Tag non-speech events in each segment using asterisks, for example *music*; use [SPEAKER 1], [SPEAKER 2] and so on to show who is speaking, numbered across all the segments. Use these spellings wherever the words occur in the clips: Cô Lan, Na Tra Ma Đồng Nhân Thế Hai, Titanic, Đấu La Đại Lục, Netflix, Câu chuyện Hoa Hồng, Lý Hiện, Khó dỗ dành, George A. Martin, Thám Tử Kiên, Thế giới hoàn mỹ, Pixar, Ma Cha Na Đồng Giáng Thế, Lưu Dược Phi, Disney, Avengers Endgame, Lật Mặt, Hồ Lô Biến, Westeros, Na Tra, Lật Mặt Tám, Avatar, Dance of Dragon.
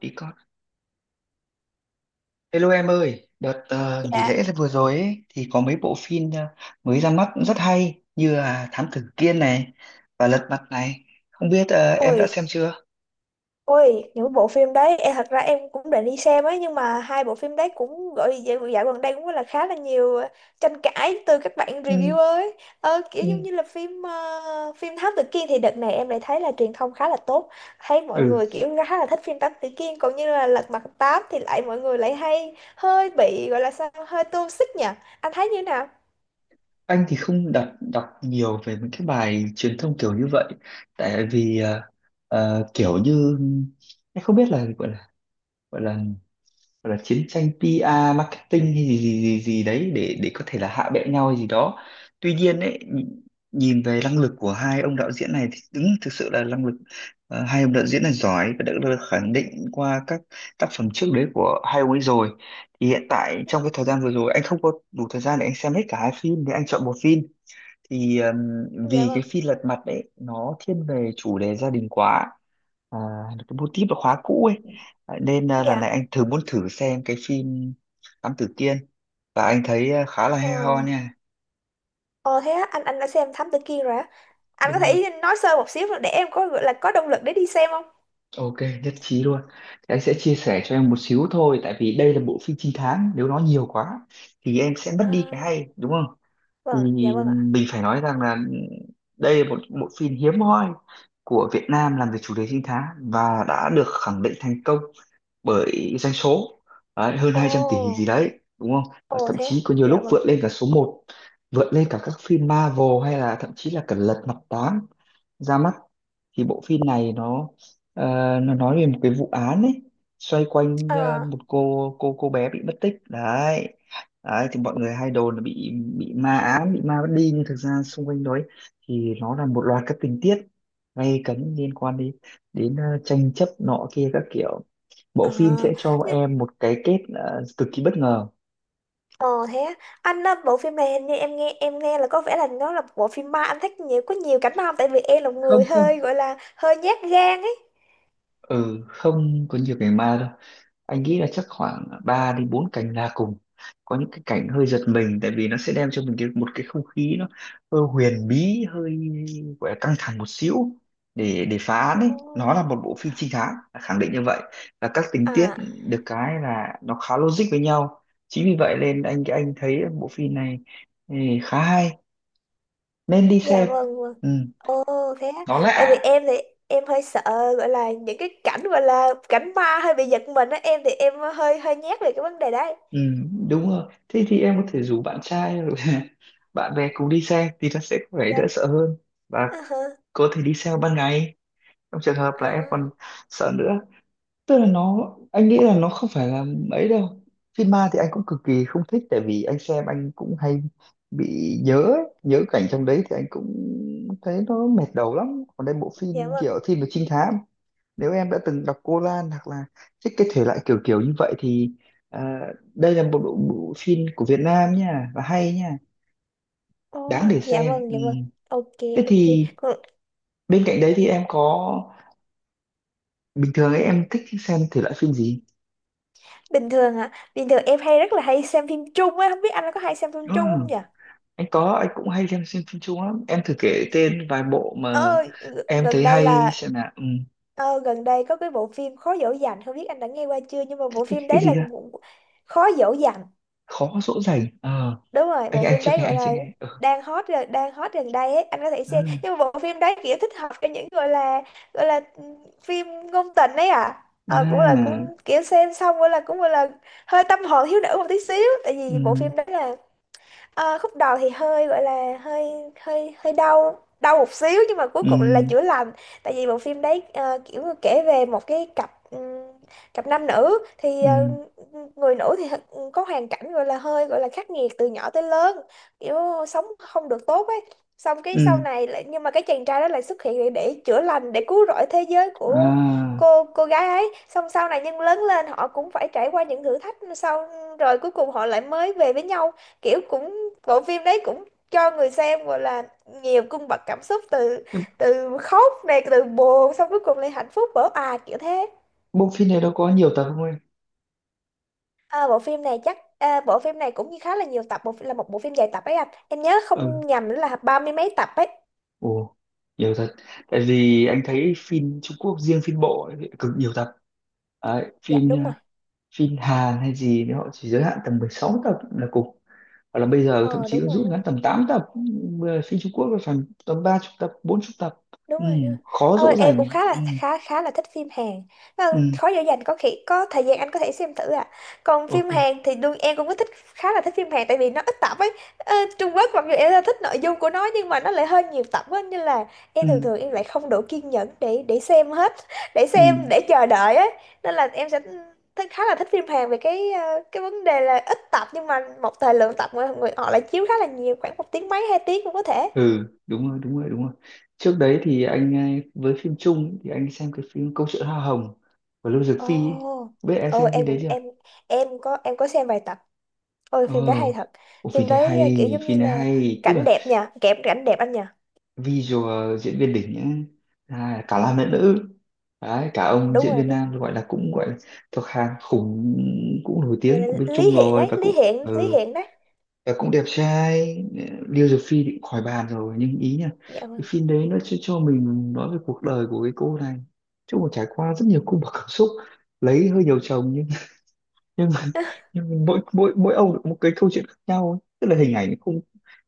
[SPEAKER 1] Đi con. Hello em ơi, đợt nghỉ
[SPEAKER 2] Dạ,
[SPEAKER 1] lễ vừa rồi ấy, thì có mấy bộ phim mới ra mắt cũng rất hay như là Thám Tử Kiên này và Lật Mặt này. Không biết em
[SPEAKER 2] ôi,
[SPEAKER 1] đã xem chưa?
[SPEAKER 2] ôi, những bộ phim đấy, em thật ra em cũng định đi xem ấy, nhưng mà hai bộ phim đấy cũng gọi dạo gần đây cũng là khá là nhiều tranh cãi từ các bạn
[SPEAKER 1] Ừ,
[SPEAKER 2] reviewer ấy. Kiểu giống
[SPEAKER 1] ừ.
[SPEAKER 2] như là phim Thám Tử Kiên thì đợt này em lại thấy là truyền thông khá là tốt, thấy mọi
[SPEAKER 1] Ừ,
[SPEAKER 2] người kiểu khá là thích phim Thám Tử Kiên, còn như là Lật Mặt Tám thì lại mọi người lại hay hơi bị gọi là sao, hơi toxic nhỉ? Anh thấy như thế nào?
[SPEAKER 1] anh thì không đọc đọc nhiều về những cái bài truyền thông kiểu như vậy, tại vì kiểu như anh không biết là gọi là gọi là chiến tranh PR marketing hay gì gì gì gì đấy để có thể là hạ bệ nhau hay gì đó. Tuy nhiên ấy nhìn nhìn về năng lực của hai ông đạo diễn này thì đúng thực sự là năng lực, hai ông đạo diễn này giỏi và đã được khẳng định qua các tác phẩm trước đấy của hai ông ấy rồi. Thì hiện tại trong cái thời gian vừa rồi anh không có đủ thời gian để anh xem hết cả hai phim thì anh chọn một phim, thì
[SPEAKER 2] Dạ
[SPEAKER 1] vì
[SPEAKER 2] vâng,
[SPEAKER 1] cái phi lật mặt đấy nó thiên về chủ đề gia đình quá, à, cái mô típ là khóa cũ ấy. À, nên à, lần này
[SPEAKER 2] dạ.
[SPEAKER 1] anh thử muốn thử xem cái phim Thám Tử Kiên, và anh thấy à, khá là
[SPEAKER 2] Ờ,
[SPEAKER 1] hay ho nha,
[SPEAKER 2] ờ, thế á, anh đã xem Thám Tử Kiên rồi á? Anh có
[SPEAKER 1] đúng không?
[SPEAKER 2] thể nói sơ một xíu để em có gọi là có động lực để đi xem không?
[SPEAKER 1] Ok, nhất trí luôn, thì anh sẽ chia sẻ cho em một xíu thôi, tại vì đây là bộ phim trinh thám nếu nó nhiều quá thì em sẽ mất đi cái
[SPEAKER 2] À,
[SPEAKER 1] hay, đúng không? Thì
[SPEAKER 2] vâng, dạ vâng ạ.
[SPEAKER 1] mình phải nói rằng là đây là một bộ phim hiếm hoi của Việt Nam làm về chủ đề trinh thám và đã được khẳng định thành công bởi doanh số đấy, hơn 200 tỷ gì
[SPEAKER 2] Ồ,
[SPEAKER 1] đấy, đúng không? Và
[SPEAKER 2] ồ
[SPEAKER 1] thậm
[SPEAKER 2] thế.
[SPEAKER 1] chí có nhiều lúc
[SPEAKER 2] Dạ vâng.
[SPEAKER 1] vượt lên cả số một, vượt lên cả các phim Marvel hay là thậm chí là cả Lật Mặt 8 ra mắt. Thì bộ phim này nó, ờ, nó nói về một cái vụ án ấy, xoay quanh
[SPEAKER 2] À,
[SPEAKER 1] một cô bé bị mất tích đấy. Đấy thì mọi người hay đồn là bị ma ám, bị ma bắt đi, nhưng thực ra xung quanh đấy thì nó là một loạt các tình tiết gay cấn liên quan đến đến tranh chấp nọ kia các kiểu.
[SPEAKER 2] à,
[SPEAKER 1] Bộ phim sẽ cho
[SPEAKER 2] nhưng
[SPEAKER 1] em một cái kết cực kỳ bất ngờ.
[SPEAKER 2] ồ thế á. Anh á, bộ phim này hình như em nghe là có vẻ là nó là bộ phim ma, anh thích nhiều, có nhiều cảnh ma không? Tại vì em là một
[SPEAKER 1] Không
[SPEAKER 2] người
[SPEAKER 1] không,
[SPEAKER 2] hơi gọi là hơi nhát gan ấy.
[SPEAKER 1] ừ, không có nhiều cảnh ma đâu. Anh nghĩ là chắc khoảng 3 đến 4 cảnh là cùng, có những cái cảnh hơi giật mình tại vì nó sẽ đem cho mình cái, một cái không khí nó hơi huyền bí, hơi gọi là căng thẳng một xíu để phá án ấy.
[SPEAKER 2] Ồ,
[SPEAKER 1] Nó là một bộ phim trinh thám, khẳng định như vậy. Và các tình tiết
[SPEAKER 2] à,
[SPEAKER 1] được cái là nó khá logic với nhau, chính vì vậy nên anh thấy bộ phim này, ừ, khá hay, nên đi
[SPEAKER 2] dạ
[SPEAKER 1] xem.
[SPEAKER 2] vâng, vâng.
[SPEAKER 1] Ừ,
[SPEAKER 2] Ồ thế á.
[SPEAKER 1] nó
[SPEAKER 2] Tại vì
[SPEAKER 1] lạ.
[SPEAKER 2] em thì em hơi sợ gọi là những cái cảnh gọi là cảnh ma hơi bị giật mình á, em thì em hơi hơi nhát về cái vấn đề đấy.
[SPEAKER 1] Ừ, đúng rồi. Thế thì em có thể rủ bạn trai rồi *laughs* bạn bè cùng đi xe thì nó sẽ có vẻ đỡ
[SPEAKER 2] Dạ.
[SPEAKER 1] sợ hơn, và
[SPEAKER 2] À, hả?
[SPEAKER 1] có thể đi xe ban ngày trong trường hợp là em còn
[SPEAKER 2] À,
[SPEAKER 1] sợ nữa. Tức là nó, anh nghĩ là nó không phải là ấy đâu. Phim ma thì anh cũng cực kỳ không thích, tại vì anh xem anh cũng hay bị nhớ ấy, nhớ cảnh trong đấy thì anh cũng thấy nó mệt đầu lắm. Còn đây bộ
[SPEAKER 2] dạ
[SPEAKER 1] phim
[SPEAKER 2] vâng.
[SPEAKER 1] kiểu phim về trinh thám, nếu em đã từng đọc Cô Lan hoặc là thích cái thể loại kiểu kiểu như vậy thì à, đây là một bộ phim của Việt Nam nha, và hay nha, đáng
[SPEAKER 2] Ôi,
[SPEAKER 1] để
[SPEAKER 2] dạ
[SPEAKER 1] xem.
[SPEAKER 2] vâng,
[SPEAKER 1] Ừ,
[SPEAKER 2] dạ vâng. Ok,
[SPEAKER 1] thế
[SPEAKER 2] ok.
[SPEAKER 1] thì
[SPEAKER 2] Còn
[SPEAKER 1] bên cạnh đấy thì em có, bình thường ấy em thích xem thể loại phim gì?
[SPEAKER 2] bình thường hả? Bình thường em hay rất là hay xem phim Trung á, không biết anh có hay xem phim Trung không
[SPEAKER 1] Ừ,
[SPEAKER 2] nhỉ?
[SPEAKER 1] anh có, anh cũng hay xem phim Trung lắm, em thử kể tên vài bộ mà
[SPEAKER 2] Ờ, g-
[SPEAKER 1] em
[SPEAKER 2] gần
[SPEAKER 1] thấy
[SPEAKER 2] đây
[SPEAKER 1] hay
[SPEAKER 2] là
[SPEAKER 1] xem nào. Ừ,
[SPEAKER 2] gần đây có cái bộ phim Khó dỗ dành, không biết anh đã nghe qua chưa, nhưng mà
[SPEAKER 1] cái,
[SPEAKER 2] bộ
[SPEAKER 1] cái,
[SPEAKER 2] phim
[SPEAKER 1] cái
[SPEAKER 2] đấy
[SPEAKER 1] gì
[SPEAKER 2] là
[SPEAKER 1] ra?
[SPEAKER 2] một- Khó dỗ dành.
[SPEAKER 1] Khó dỗ dành, ờ,
[SPEAKER 2] Đúng rồi,
[SPEAKER 1] anh
[SPEAKER 2] bộ
[SPEAKER 1] anh
[SPEAKER 2] phim
[SPEAKER 1] chưa
[SPEAKER 2] đấy
[SPEAKER 1] nghe,
[SPEAKER 2] gọi
[SPEAKER 1] anh chưa
[SPEAKER 2] là
[SPEAKER 1] nghe. Ừ,
[SPEAKER 2] đang hot gần đây ấy, anh có thể xem,
[SPEAKER 1] à,
[SPEAKER 2] nhưng mà bộ phim đấy kiểu thích hợp cho những gọi là phim ngôn tình ấy à, cũng là cũng
[SPEAKER 1] à.
[SPEAKER 2] kiểu xem xong gọi là cũng gọi là hơi tâm hồn thiếu nữ một tí xíu, tại vì bộ
[SPEAKER 1] Ừ.
[SPEAKER 2] phim đấy là, ờ, khúc đầu thì hơi gọi là hơi hơi hơi đau đau một xíu nhưng mà cuối
[SPEAKER 1] Ừ.
[SPEAKER 2] cùng là chữa lành. Tại vì bộ phim đấy kiểu như kể về một cái cặp cặp nam nữ thì,
[SPEAKER 1] Ừ.
[SPEAKER 2] người nữ thì có hoàn cảnh gọi là hơi gọi là khắc nghiệt từ nhỏ tới lớn, kiểu sống không được tốt ấy, xong cái sau
[SPEAKER 1] Ừ,
[SPEAKER 2] này lại, nhưng mà cái chàng trai đó lại xuất hiện để chữa lành, để cứu rỗi thế giới của
[SPEAKER 1] à.
[SPEAKER 2] cô gái ấy, xong sau này nhưng lớn lên họ cũng phải trải qua những thử thách sau, rồi cuối cùng họ lại mới về với nhau, kiểu cũng, bộ phim đấy cũng cho người xem gọi là nhiều cung bậc cảm xúc, từ
[SPEAKER 1] Nhưng
[SPEAKER 2] từ khóc này, từ buồn, xong cuối cùng lại hạnh phúc vỡ òa kiểu thế.
[SPEAKER 1] bộ phim này đâu có nhiều tập không em?
[SPEAKER 2] À, bộ phim này cũng như khá là nhiều tập, bộ là một bộ phim dài tập ấy anh, em nhớ
[SPEAKER 1] Ừ,
[SPEAKER 2] không nhầm là ba mươi mấy tập ấy.
[SPEAKER 1] ồ, nhiều thật. Tại vì anh thấy phim Trung Quốc riêng phim bộ ấy, cực nhiều tập. Đấy,
[SPEAKER 2] Dạ đúng rồi.
[SPEAKER 1] phim Hàn hay gì thì họ chỉ giới hạn tầm 16 tập là cùng, hoặc là bây giờ thậm
[SPEAKER 2] Ờ
[SPEAKER 1] chí
[SPEAKER 2] Đúng
[SPEAKER 1] nó
[SPEAKER 2] rồi,
[SPEAKER 1] rút
[SPEAKER 2] đúng rồi.
[SPEAKER 1] ngắn tầm 8 tập. Ừ, phim Trung Quốc là phải tầm 30 tập 40 tập.
[SPEAKER 2] Đúng
[SPEAKER 1] Ừ,
[SPEAKER 2] rồi, đúng rồi.
[SPEAKER 1] khó
[SPEAKER 2] Ờ,
[SPEAKER 1] dỗ
[SPEAKER 2] em
[SPEAKER 1] dành.
[SPEAKER 2] cũng
[SPEAKER 1] Ừ,
[SPEAKER 2] khá là thích phim Hàn.
[SPEAKER 1] ừ,
[SPEAKER 2] Ờ, khó dễ dành có khi có thời gian anh có thể xem thử à. Còn phim
[SPEAKER 1] ok,
[SPEAKER 2] Hàn thì đương em cũng có thích, khá là thích phim Hàn tại vì nó ít tập ấy. Ờ, Trung Quốc mặc dù em rất thích nội dung của nó, nhưng mà nó lại hơi nhiều tập ấy nên là em thường
[SPEAKER 1] ừ,
[SPEAKER 2] thường em lại không đủ kiên nhẫn để xem hết *laughs* để xem,
[SPEAKER 1] ừ.
[SPEAKER 2] để chờ đợi ấy, nên là em sẽ thích, khá là thích phim Hàn về cái cái vấn đề là ít tập, nhưng mà một thời lượng tập người họ lại chiếu khá là nhiều, khoảng một tiếng mấy 2 tiếng cũng có thể.
[SPEAKER 1] Ừ, đúng rồi, đúng rồi, đúng rồi. Trước đấy thì anh ấy, với phim Trung ấy, thì anh xem cái phim Câu chuyện Hoa Hồng của Lưu Dược Phi ấy.
[SPEAKER 2] Ồ,
[SPEAKER 1] Biết em
[SPEAKER 2] ừ,
[SPEAKER 1] xem phim
[SPEAKER 2] em
[SPEAKER 1] đấy
[SPEAKER 2] cũng
[SPEAKER 1] chưa?
[SPEAKER 2] em có xem vài tập. Ôi
[SPEAKER 1] Ồ,
[SPEAKER 2] phim đó hay thật.
[SPEAKER 1] oh, phim
[SPEAKER 2] Phim
[SPEAKER 1] đấy
[SPEAKER 2] đấy kiểu
[SPEAKER 1] hay,
[SPEAKER 2] giống như
[SPEAKER 1] phim này
[SPEAKER 2] là
[SPEAKER 1] hay, tức
[SPEAKER 2] cảnh
[SPEAKER 1] là
[SPEAKER 2] đẹp nha, kẹp cảnh đẹp anh nha.
[SPEAKER 1] visual diễn viên đỉnh ấy. À, cả nam lẫn nữ, đấy cả ông diễn viên
[SPEAKER 2] Đúng.
[SPEAKER 1] nam gọi là cũng gọi là thuộc hàng khủng, cũng nổi
[SPEAKER 2] Rồi
[SPEAKER 1] tiếng
[SPEAKER 2] là
[SPEAKER 1] của bên
[SPEAKER 2] Lý
[SPEAKER 1] Trung
[SPEAKER 2] Hiện
[SPEAKER 1] rồi,
[SPEAKER 2] ấy,
[SPEAKER 1] và cũng
[SPEAKER 2] Lý Hiện, Lý
[SPEAKER 1] ừ,
[SPEAKER 2] Hiện đấy.
[SPEAKER 1] và cũng đẹp trai. Liêu Dược Phi thì cũng khỏi bàn rồi nhưng ý nha,
[SPEAKER 2] Dạ
[SPEAKER 1] cái
[SPEAKER 2] vâng.
[SPEAKER 1] phim đấy nó cho mình nói về cuộc đời của cái cô này, chứ mà trải qua rất nhiều cung bậc cảm xúc, lấy hơi nhiều chồng nhưng mà,
[SPEAKER 2] *laughs*
[SPEAKER 1] nhưng mà mỗi mỗi mỗi ông lại có một cái câu chuyện khác nhau ấy. Tức là hình ảnh nó không,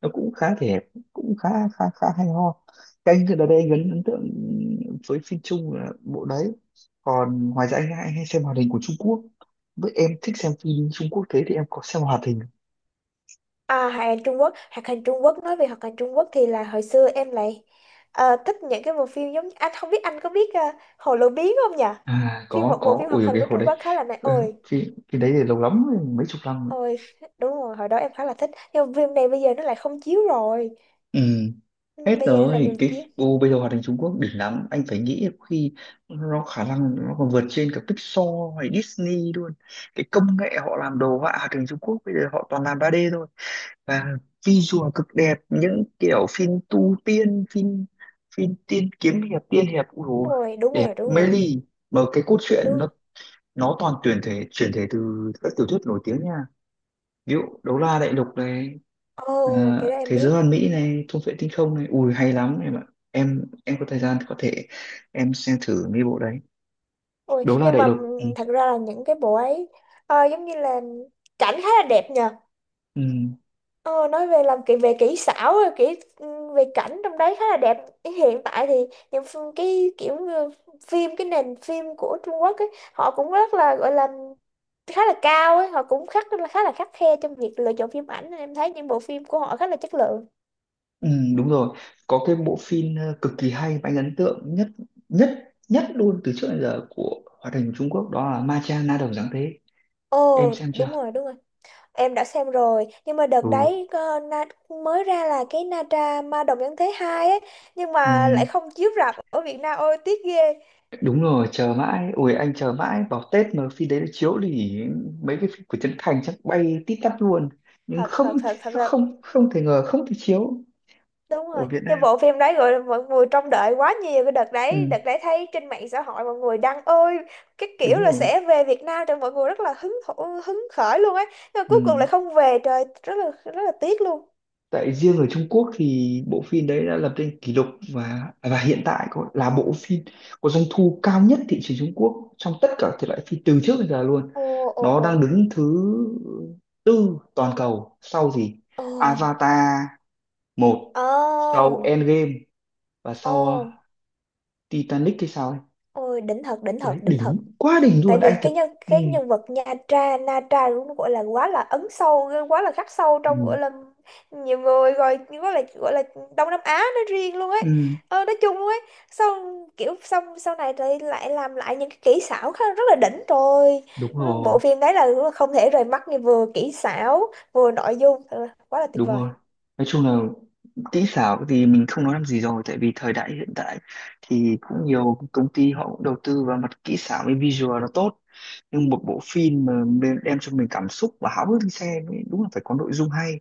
[SPEAKER 1] nó cũng khá thể đẹp, cũng khá khá khá hay ho. Cái anh ở đây anh ấn ấn tượng với phim Trung là bộ đấy. Còn ngoài ra anh hay, hay xem hoạt hình của Trung Quốc. Với em thích xem phim Trung Quốc thế thì em có xem hoạt hình?
[SPEAKER 2] À, hoạt hình Trung Quốc, nói về hoạt hình Trung Quốc thì là hồi xưa em lại thích những cái bộ phim, giống anh không biết anh có biết Hồ Lô Biến không nhỉ?
[SPEAKER 1] À,
[SPEAKER 2] Phim
[SPEAKER 1] có
[SPEAKER 2] một bộ
[SPEAKER 1] có
[SPEAKER 2] phim
[SPEAKER 1] ui
[SPEAKER 2] hoạt hình
[SPEAKER 1] cái
[SPEAKER 2] của
[SPEAKER 1] hồi
[SPEAKER 2] Trung
[SPEAKER 1] đấy,
[SPEAKER 2] Quốc khá là này.
[SPEAKER 1] ờ,
[SPEAKER 2] Ôi,
[SPEAKER 1] phim phim đấy thì lâu lắm rồi, mấy chục năm.
[SPEAKER 2] ôi đúng rồi, hồi đó em khá là thích. Nhưng mà phim này bây giờ nó lại không chiếu rồi.
[SPEAKER 1] Ừ.
[SPEAKER 2] Ừ,
[SPEAKER 1] Hết
[SPEAKER 2] bây giờ nó lại
[SPEAKER 1] rồi
[SPEAKER 2] ngừng
[SPEAKER 1] cái,
[SPEAKER 2] chiếu.
[SPEAKER 1] ô bây giờ hoạt hình Trung Quốc đỉnh lắm, anh phải nghĩ có khi nó khả năng nó còn vượt trên cả Pixar hay Disney luôn. Cái công nghệ họ làm đồ họa hoạt hình Trung Quốc bây giờ họ toàn làm 3D thôi, và visual cực đẹp, những kiểu phim tu tiên, phim phim tiên kiếm hiệp, tiên hiệp, ui dồi,
[SPEAKER 2] Ôi, đúng
[SPEAKER 1] đẹp
[SPEAKER 2] rồi, đúng
[SPEAKER 1] mê
[SPEAKER 2] rồi,
[SPEAKER 1] ly, mà cái cốt truyện
[SPEAKER 2] đúng rồi.
[SPEAKER 1] nó toàn tuyển thể chuyển thể từ các tiểu thuyết nổi tiếng nha, ví dụ Đấu La Đại Lục này,
[SPEAKER 2] Ồ,
[SPEAKER 1] à,
[SPEAKER 2] cái đó em
[SPEAKER 1] thế
[SPEAKER 2] biết.
[SPEAKER 1] giới hoàn mỹ này, thung vệ tinh không này, ui hay lắm em ạ. Em có thời gian thì có thể em xem thử mấy bộ đấy,
[SPEAKER 2] Ôi,
[SPEAKER 1] đấu la
[SPEAKER 2] nhưng
[SPEAKER 1] đại
[SPEAKER 2] mà
[SPEAKER 1] lục. Ừ.
[SPEAKER 2] thật ra là những cái bộ ấy giống như là cảnh khá là đẹp nhờ.
[SPEAKER 1] Ừ.
[SPEAKER 2] Ờ, nói về làm kỹ về kỹ xảo rồi về cảnh trong đấy khá là đẹp. Hiện tại thì những cái kiểu như cái nền phim của Trung Quốc ấy, họ cũng rất là gọi là khá là cao ấy, họ cũng khá là khắt khe trong việc lựa chọn phim ảnh, nên em thấy những bộ phim của họ khá là chất lượng.
[SPEAKER 1] Ừ, đúng rồi, có cái bộ phim cực kỳ hay và anh ấn tượng nhất nhất nhất luôn từ trước đến giờ của hoạt hình Trung Quốc, đó là Ma Cha Na Đồng Giáng Thế, em
[SPEAKER 2] Ồ,
[SPEAKER 1] xem chưa?
[SPEAKER 2] đúng rồi, đúng rồi. Em đã xem rồi, nhưng mà đợt
[SPEAKER 1] Ừ.
[SPEAKER 2] đấy mới ra là cái Na Tra Ma Đồng Nhân Thế Hai ấy, nhưng
[SPEAKER 1] Ừ,
[SPEAKER 2] mà lại không chiếu rạp ở Việt Nam, ôi tiếc ghê.
[SPEAKER 1] đúng rồi, chờ mãi, ui anh chờ mãi vào Tết mà phim đấy nó chiếu thì mấy cái phim của Trấn Thành chắc bay tít tắp luôn, nhưng
[SPEAKER 2] Thật
[SPEAKER 1] không,
[SPEAKER 2] thật thật thật là
[SPEAKER 1] không, không thể ngờ, không thể chiếu
[SPEAKER 2] đúng
[SPEAKER 1] ở
[SPEAKER 2] rồi.
[SPEAKER 1] Việt
[SPEAKER 2] Nhưng
[SPEAKER 1] Nam.
[SPEAKER 2] bộ phim đấy gọi là mọi người trông đợi quá nhiều cái đợt đấy,
[SPEAKER 1] Ừ,
[SPEAKER 2] thấy trên mạng xã hội mọi người đăng ôi, cái kiểu
[SPEAKER 1] đúng
[SPEAKER 2] là
[SPEAKER 1] rồi,
[SPEAKER 2] sẽ về Việt Nam cho mọi người rất là hứng khởi luôn ấy, nhưng mà
[SPEAKER 1] ừ.
[SPEAKER 2] cuối cùng lại không về, trời rất là tiếc luôn.
[SPEAKER 1] Tại riêng ở Trung Quốc thì bộ phim đấy đã lập nên kỷ lục, và hiện tại có, là bộ phim có doanh thu cao nhất thị trường Trung Quốc trong tất cả thể loại phim từ trước đến giờ luôn.
[SPEAKER 2] Ồ, ồ,
[SPEAKER 1] Nó
[SPEAKER 2] ồ.
[SPEAKER 1] đang đứng thứ tư toàn cầu sau gì,
[SPEAKER 2] Ồ.
[SPEAKER 1] Avatar một,
[SPEAKER 2] Ồ.
[SPEAKER 1] sau Endgame, và sau
[SPEAKER 2] Ồ.
[SPEAKER 1] Titanic hay sao ấy,
[SPEAKER 2] Ôi đỉnh thật, đỉnh
[SPEAKER 1] đấy
[SPEAKER 2] thật, đỉnh thật.
[SPEAKER 1] đỉnh quá đỉnh
[SPEAKER 2] Tại
[SPEAKER 1] luôn anh
[SPEAKER 2] vì cái
[SPEAKER 1] thật. Ừ.
[SPEAKER 2] cái nhân vật Nha Tra Na Tra cũng gọi là quá là ấn sâu, quá là khắc sâu trong
[SPEAKER 1] Ừ.
[SPEAKER 2] gọi là nhiều người rồi, gọi là Đông Nam Á nói riêng luôn ấy,
[SPEAKER 1] Ừ.
[SPEAKER 2] nói chung luôn ấy, xong kiểu sau này thì lại làm lại những cái kỹ xảo khá rất là đỉnh rồi,
[SPEAKER 1] Đúng rồi,
[SPEAKER 2] bộ phim đấy là không thể rời mắt, như vừa kỹ xảo vừa nội dung, thật là quá là tuyệt
[SPEAKER 1] đúng
[SPEAKER 2] vời.
[SPEAKER 1] rồi. Nói chung là kỹ xảo thì mình không nói làm gì rồi, tại vì thời đại hiện tại thì cũng nhiều công ty họ cũng đầu tư vào mặt kỹ xảo với visual nó tốt, nhưng một bộ phim mà đem đem cho mình cảm xúc và háo hức đi xem ấy, đúng là phải có nội dung hay.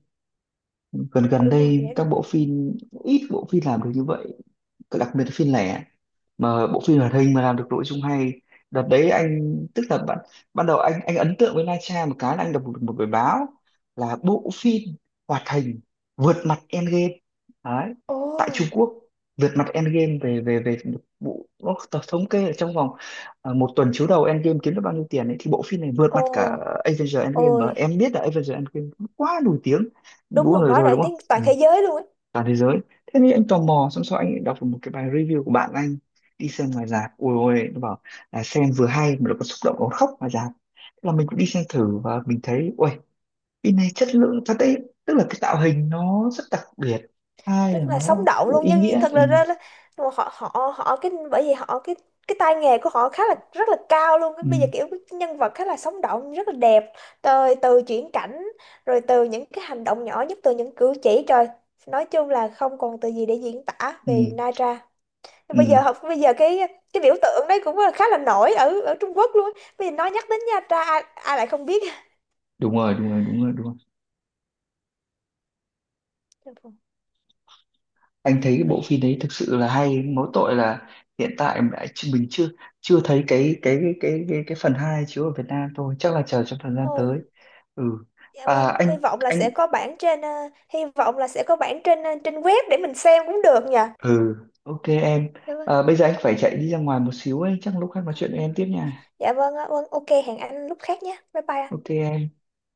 [SPEAKER 1] Gần Gần
[SPEAKER 2] Đúng rồi, dạ
[SPEAKER 1] đây các
[SPEAKER 2] đúng.
[SPEAKER 1] bộ phim, ít bộ phim làm được như vậy, đặc biệt là phim lẻ, mà bộ phim hoạt hình mà làm được nội dung hay. Đợt đấy anh tức là ban đầu anh ấn tượng với Na Tra một cái là anh đọc một bài báo là bộ phim hoạt hình vượt mặt Endgame đấy, tại Trung
[SPEAKER 2] Ồ,
[SPEAKER 1] Quốc, vượt mặt Endgame về về về bộ, nó thống kê là trong vòng à, một tuần chiếu đầu Endgame kiếm được bao nhiêu tiền ấy, thì bộ phim này vượt
[SPEAKER 2] ồ,
[SPEAKER 1] mặt cả Avengers Endgame,
[SPEAKER 2] ôi
[SPEAKER 1] mà em biết là Avengers Endgame quá nổi tiếng,
[SPEAKER 2] đúng
[SPEAKER 1] đúng
[SPEAKER 2] rồi,
[SPEAKER 1] rồi
[SPEAKER 2] quá
[SPEAKER 1] rồi
[SPEAKER 2] nổi
[SPEAKER 1] đúng không?
[SPEAKER 2] tiếng toàn
[SPEAKER 1] Ừ,
[SPEAKER 2] thế giới luôn ấy.
[SPEAKER 1] toàn thế giới. Thế thì anh tò mò, xong sau anh đọc được một cái bài review của bạn anh đi xem ngoài rạp, ôi ôi nó bảo là xem vừa hay mà nó còn xúc động, nó khóc ngoài rạp, thế là mình cũng đi xem thử và mình thấy ôi phim này chất lượng thật đấy. Tức là cái tạo hình nó rất đặc biệt, hai là
[SPEAKER 2] Rất là sống
[SPEAKER 1] nó
[SPEAKER 2] động
[SPEAKER 1] cũng
[SPEAKER 2] luôn,
[SPEAKER 1] ý
[SPEAKER 2] nhân viên
[SPEAKER 1] nghĩa.
[SPEAKER 2] thật
[SPEAKER 1] Ừ,
[SPEAKER 2] là ra ra- họ họ họ cái, bởi vì họ cái tay nghề của họ khá là rất là cao luôn. Cái bây giờ
[SPEAKER 1] ừ,
[SPEAKER 2] kiểu cái nhân vật khá là sống động rất là đẹp, từ từ chuyển cảnh, rồi từ những cái hành động nhỏ nhất, từ những cử chỉ, trời, nói chung là không còn từ gì để diễn tả
[SPEAKER 1] ừ,
[SPEAKER 2] về Naira
[SPEAKER 1] ừ.
[SPEAKER 2] bây giờ. Cái biểu tượng đấy cũng là khá là nổi ở ở Trung Quốc luôn á. Bây giờ nhắc đến Nha Tra, ai, ai lại không biết.
[SPEAKER 1] Đúng rồi, đúng rồi, đúng rồi, đúng rồi. Anh thấy cái bộ phim đấy thực sự là hay, mỗi tội là hiện tại mình chưa, chưa thấy cái phần 2 chiếu ở Việt Nam thôi, chắc là chờ trong thời gian
[SPEAKER 2] Ôi,
[SPEAKER 1] tới. Ừ,
[SPEAKER 2] dạ
[SPEAKER 1] à
[SPEAKER 2] vâng, hy
[SPEAKER 1] anh
[SPEAKER 2] vọng là sẽ
[SPEAKER 1] anh
[SPEAKER 2] có bản trên hy vọng là sẽ có bản trên ờ, trên web để mình xem cũng được nhỉ.
[SPEAKER 1] ừ, ok em.
[SPEAKER 2] Dạ vâng,
[SPEAKER 1] À, bây giờ anh phải chạy đi ra ngoài một xíu ấy, chắc lúc khác nói chuyện với em tiếp nha.
[SPEAKER 2] dạ vâng, ạ. Vâng ok, hẹn anh lúc khác nhé. Bye bye ạ.
[SPEAKER 1] Ok em.